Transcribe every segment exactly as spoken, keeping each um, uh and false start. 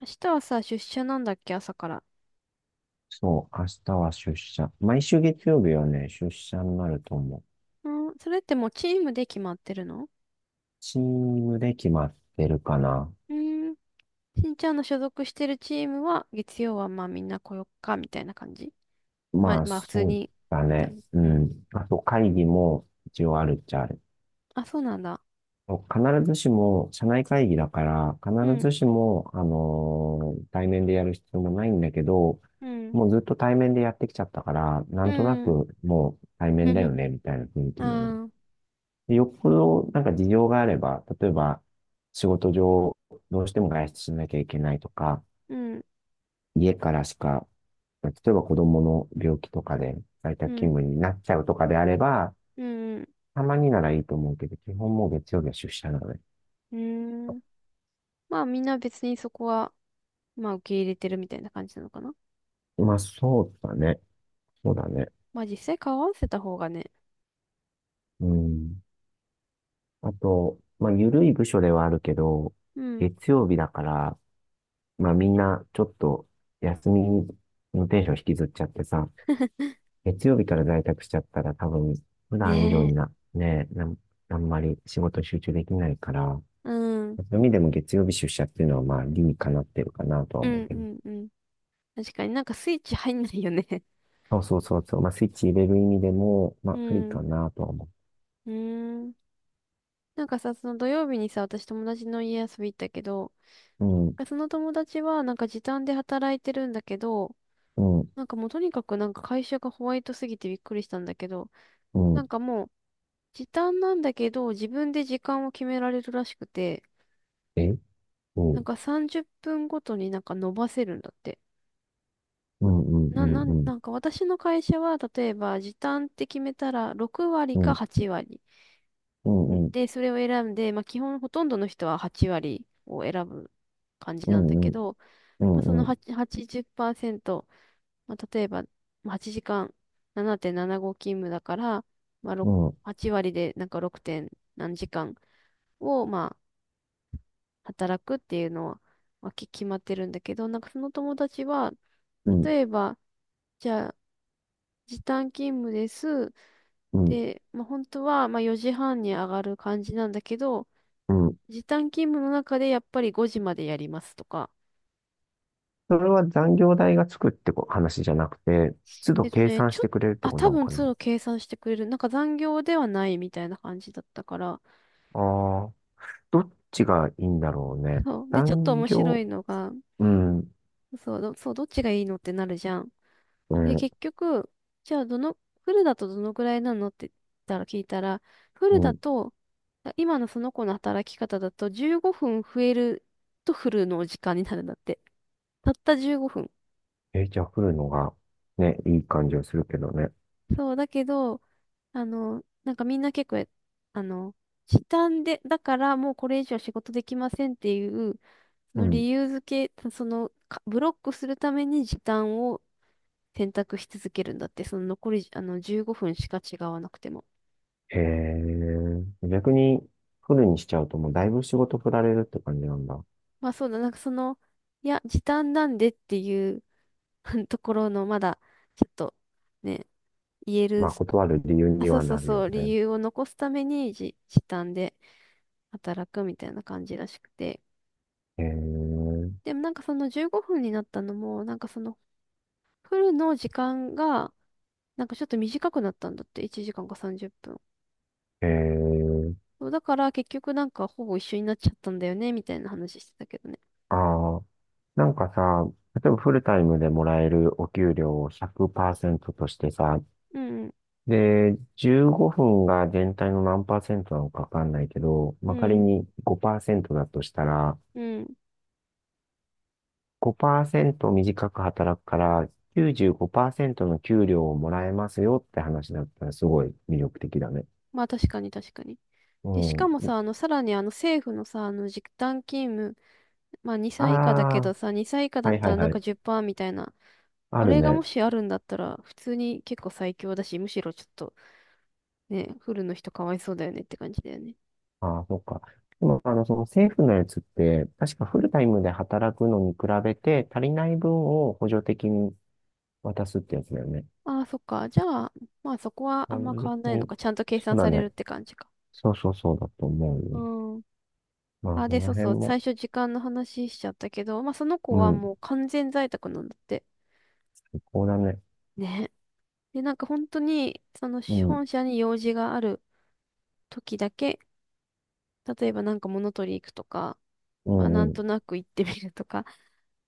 明日はさ、出社なんだっけ、朝から。そう、明日は出社。毎週月曜日はね、出社になると思う。うん、それってもうチームで決まってるの？チームで決まってるかな。うん。しんちゃんの所属してるチームは、月曜はまあみんな来よっか、みたいな感じ。まあ、まあ、まあ普通そうに、だみたいね。な。ううん。ん。あと、会議も一応あるっちゃある。あ、そうなんだ。必ずしも、社内会議だから、う必ん、ずしも、あのー対面でやる必要もないんだけど、うん、もうずっと対面でやってきちゃったから、なうんとなん。くもう対面だよ ね、みたいな雰囲あ気にはなっあ、で、よっぽどなんか事情があれば、例えば仕事上どうしても外出しなきゃいけないとか、うん、家からしか、例えば子供の病気とかで在う宅勤ん、務になっちゃうとかであれば、うん、たまにならいいと思うけど、基本もう月曜日は出社なので。うん。まあみんな別にそこは、まあ受け入れてるみたいな感じなのかな。まあそうだね。そうだね。まあ実際顔合わせた方がね。うん。あと、まあ緩い部署ではあるけど、うん。月曜日だから、まあみんなちょっと休みのテンション引きずっちゃってさ、月曜日から在宅しちゃったら多分、普段以上ねえ。にな、ね、なん、あんまり仕事集中できないから、うん、そういう意味でも月曜日出社っていうのはまあ理にかなってるかなとはう思うん、うけど。ん、うん。確かになんかスイッチ入んないよね。 そうそうそうそう。まあスイッチ入れる意味でも、まうあありん。うかなとは思ーん。なんかさ、その土曜日にさ、私友達の家遊び行ったけど、う。うん、その友達はなんか時短で働いてるんだけど、うん、なんかもうとにかくなんか会社がホワイトすぎてびっくりしたんだけど、うなん。んかもう時短なんだけど、自分で時間を決められるらしくて、えうなんん、かさんじゅっぷんごとになんか伸ばせるんだって。うん、うん、な、なん、うん、なんか私の会社は例えば時短って決めたらろく割うかん、はち割。うん、うん、で、それを選んで、まあ、基本ほとんどの人ははち割を選ぶ感じうなんだん、けうん、ど、うまあ、そん、のうん、8ン0まあ、例えばまあはちじかんななてんななご勤務だから、まあ、ろうくん、はち割でなんか ろく. 点何時間をまあ働くっていうのは、まあ、き決まってるんだけど、なんかその友達は、うん、例えば、じゃあ時短勤務です。うんで、まあ、本当はまあよじはんに上がる感じなんだけど、うん。時短勤務の中でやっぱりごじまでやりますとか。それは残業代がつくってこ話じゃなくて、都度えっと計ね、算しちょっ、てくれるってあ、こと多なの分か通な。路計算してくれる。なんか残業ではないみたいな感じだったから。ああ。どっちがいいんだろうね。そう。で、ちょっと残面白業、いのが、うん、そう、ど、そう、どっちがいいのってなるじゃん。うで、ん、結局、じゃあどの、フルだとどのぐらいなのって言ったら聞いたら、フうルだん。と、あ今のその子の働き方だとじゅうごふん増えるとフルの時間になるんだって。たったじゅうごふん。え、じゃあ降るのが、ね、いい感じはするけどね。そう、だけど、あの、なんかみんな結構、あの、時短で、だからもうこれ以上仕事できませんっていう、そうのん。理由付け、その、かブロックするために時短を選択し続けるんだって、その残り、あの、じゅうごふんしか違わなくても。へえ、逆にフるにしちゃうともうだいぶ仕事振られるって感じなんだ。まあそうだ、なんかその、いや、時短なんでっていう ところの、まだ、ちょっと、ね、言える、まあ断る理由あ、にそうはそうなるそよう、理ね。由を残すためにじ時短で働くみたいな感じらしくて。へでもなんかそのじゅうごふんになったのも、なんかそのフルの時間が、なんかちょっと短くなったんだって、いちじかんかさんじゅっぷん。え、へえ、そうだから結局なんかほぼ一緒になっちゃったんだよね、みたいな話してたけどね。ああ、なんかさ、例えばフルタイムでもらえるお給料をひゃくパーセントとしてさ、うんで、じゅうごふんが全体の何パーセントなのかわかんないけど、うまあ、仮ん、うん、にごパーセントだとしたら、うん。ごパーセント短く働くからきゅうじゅうごパーセントの給料をもらえますよって話だったらすごい魅力的だね。まあ確かに確かに。うで、しかもさ、あん。の、さらにあの政府のさ、あの時短勤務、まああにさい以下だけどあ、さ、にさい以下だはっいたはらいなんはかい。じゅっパーセントみたいな、ああるれがもね。しあるんだったら、普通に結構最強だし、むしろちょっとね、フルの人かわいそうだよねって感じだよね。ああ、そっか。でも、あの、その政府のやつって、確かフルタイムで働くのに比べて足りない分を補助的に渡すってやつだよね。ああ、そっか。じゃあ、まあそこはああんま変別わんないのに、か。ちゃんと計そう算だされるっね。て感じか。そうそうそうだと思うよ。うん。まあ、あ、そで、のそう辺そう。も、最初時間の話しちゃったけど、まあその子うはん、もう完全在宅なんだって。最高だね。ね。で、なんか本当に、そのうん、本社に用事がある時だけ、例えばなんか物取り行くとか、うまあなん、んうとん、なく行ってみるとか、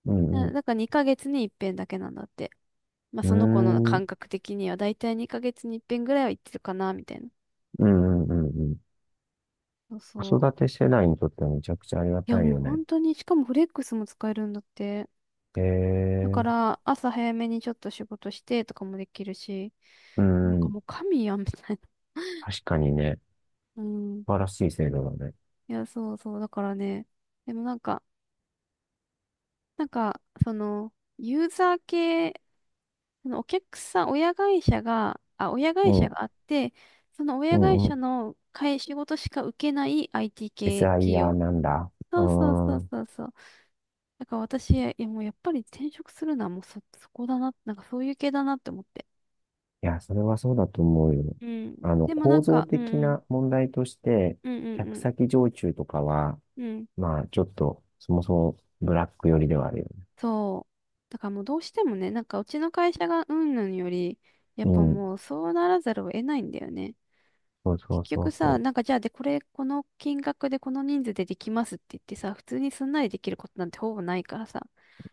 う なん、なんかにかげつに一遍だけなんだって。まあうその子のん、うー感ん、覚的にはだいたいにかげつに一遍ぐらいは行ってるかな、みたいな。うん、うん、うんうん。そうそ子う。育て世代にとってはめちゃくちゃありがいや、たいもうよね。本当に、しかもフレックスも使えるんだって。へだかえ、ら、朝早めにちょっと仕事してとかもできるし、うなんかん、もう神やん、みたい確かにね、な。うん。素晴らしい制度だね。いや、そうそう。だからね、でもなんか、なんか、その、ユーザー系、そのお客さん、親会社が、あ、親う会ん、社うがあって、その親会ん、う社ん。の会仕事しか受けない アイティー 系企 エスアイアール 業。なんだ。うそうそうそーうん。そうそう。だから私、いやもうやっぱり転職するのはもうそ、そこだな、なんかそういう系だなって思って。いや、それはそうだと思うよ。うん。あの、でもな構ん造か、うん、的うん、な問題として、う客ん、先常駐とかは、うん、うん。まあ、ちょっと、そもそもブラック寄りではあるよ。そう。だからもうどうしてもね、なんかうちの会社がうんぬんより、やっうぱん。もうそうならざるを得ないんだよね。そうそ結うそ局うさ、そなんかじゃあでこれ、この金額でこの人数でできますって言ってさ、普通にすんなりできることなんてほぼないからさ、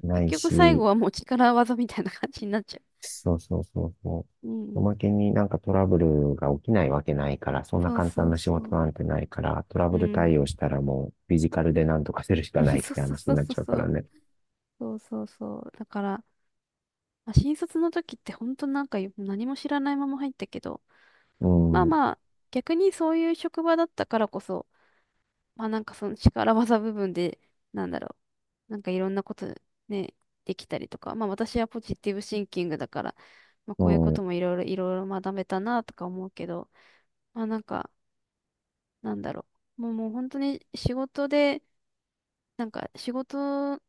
う。な結い局最後し、はもう力技みたいな感じになっちゃそうそうそうそう。うんう。おうん。まけになんかトラブルが起きないわけないから、そんなそう簡単そうな仕そ事う。なんてないから、トラうブルん。対応したらもうフィジカルでなんとかするし うかんないっそうてそう話そにうなっそうちゃうかそらう。ね。そうそうそう。だから、まあ、新卒の時って本当なんか何も知らないまま入ったけど、うまあん。まあ、逆にそういう職場だったからこそ、まあなんかその力技部分で、なんだろう、なんかいろんなことね、できたりとか、まあ私はポジティブシンキングだから、まあうこういうことん。もいろいろいろいろ学べたなとか思うけど、まあなんか、なんだろう、もうもう本当に仕事で、なんか仕事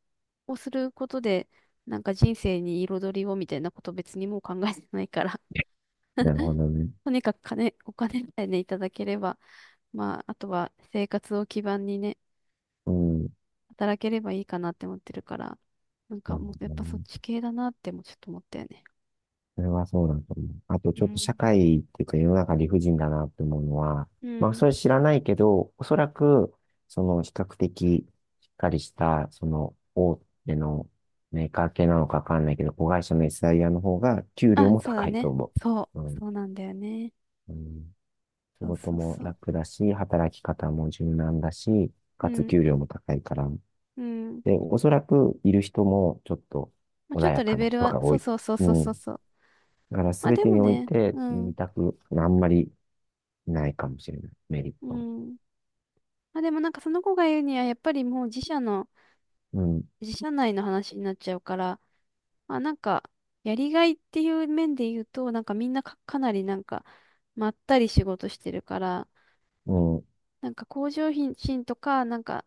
をすることで、なんか人生に彩りをみたいなこと別にもう考えてないから。 なるほ どね。とにかく金、お金さえね、いただければ、まあ、あとは生活を基盤にね、うん。働ければいいかなって思ってるから、なんなかるもうやっほどぱそっね。ち系だなってもちょっと思ったよね。それはそうだと思う。あと、うちょっと社ん。会っていうか世の中理不尽だなって思うのは、うまあ、ん。それ知らないけど、おそらく、その比較的しっかりした、その大手のメーカー系なのかわかんないけど、子会社の エスアイアール の方が給料あ、もそうだ高いとね。思そう。う、うそん。うなんだよね。うん、仕そう事そうもそう。楽だし、働き方も柔軟だし、うかつん、給料も高いから。うん。で、おそらくいる人もちょっとまあ、穏ちょっやとレかなベル人は、が多そうい。そうそうそううそうん。そう。だからまあ全でてもにおいね、てうん、二択、あんまりないかもしれない。メリッうトは。ん。まあでもなんかその子が言うには、やっぱりもう自社の、うん。自社内の話になっちゃうから、まあなんか、やりがいっていう面で言うと、なんかみんなか、かなりなんか、まったり仕事してるから、うん。なんか向上心とか、なんか、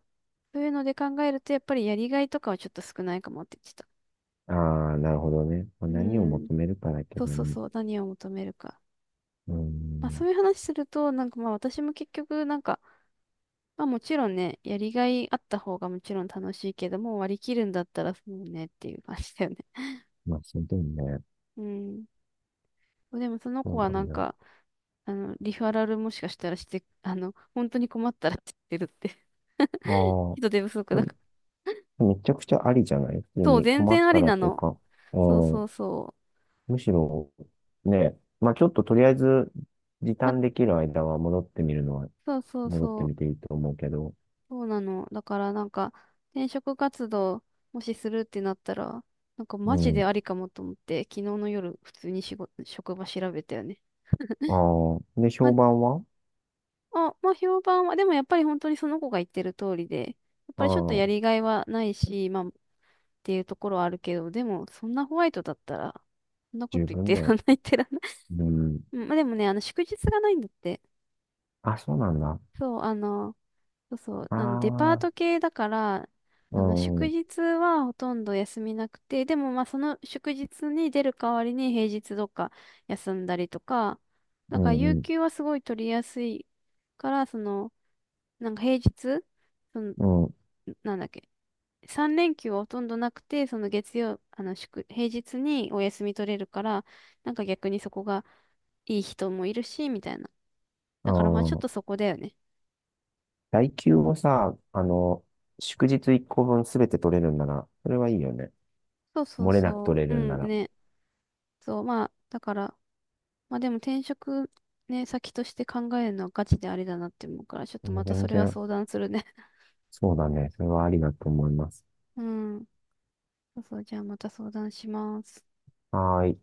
そういうので考えると、やっぱりやりがいとかはちょっと少ないかもって言ってた。ああ、なるほどね。まあ、う何をん。求めるかだけそうどそうね。そう。何を求めるか。うまあそん。ういう話すると、なんかまあ私も結局、なんか、まあもちろんね、やりがいあった方がもちろん楽しいけども、割り切るんだったらそうねっていう感じだよね。まあ、その時にね。うん。でもそのそ子うはななんんだ。か、あの、リファラルもしかしたらして、あの、本当に困ったらって言ってるって。あ あ。人手不足でだもから。めちゃくちゃありじゃない普通そう、に全困っ然あたりらなというの。か、うそうそん、うそむしろ、ね、まあちょっととりあえず時う。あ、短できる間は戻ってみるのは、そうそう戻ってそう。みていいと思うけど、そうなの。だからなんか、転職活動、もしするってなったら、なんかマうジでん。ありかもと思って、昨日の夜、普通に仕事、職場調べたよね。ああ。で、ま、評判はあ、まあ、評判は、でもやっぱり本当にその子が言ってる通りで、やっあぱりちょっとやあ、りがいはないし、まあ、っていうところはあるけど、でも、そんなホワイトだったら、そんなこと十言っ分てだらよ。んない言ってらんない。うん。うんまあでもね、あの、祝日がないんだって。あ、そうなんだ。そう、あの、そうそう、ああの、デパートあ、系だから、うあの、ん、う祝ん、日はほとんど休みなくて、でもまあ、その祝日に出る代わりに平日どっか休んだりとか、だうから、有ん、給はすごい取りやすいから、その、なんか平日、その、うん。なんだっけ、さん連休はほとんどなくて、その月曜、あの祝、平日にお休み取れるから、なんか逆にそこがいい人もいるし、みたいな。うだからまあちょっとん、そこだよね。代休をさ、あの、祝日いっこぶんすべて取れるんなら、それはいいよね。そうそう漏れなくそ取れう。うるんなんら。ね。そう、まあ、だから、まあでも転職ね、先として考えるのはガチであれだなって思うから、ちょっとねまた全それは然、相談するね。そうだね。それはありだと思います。うん。そうそう、じゃあまた相談します。はーい。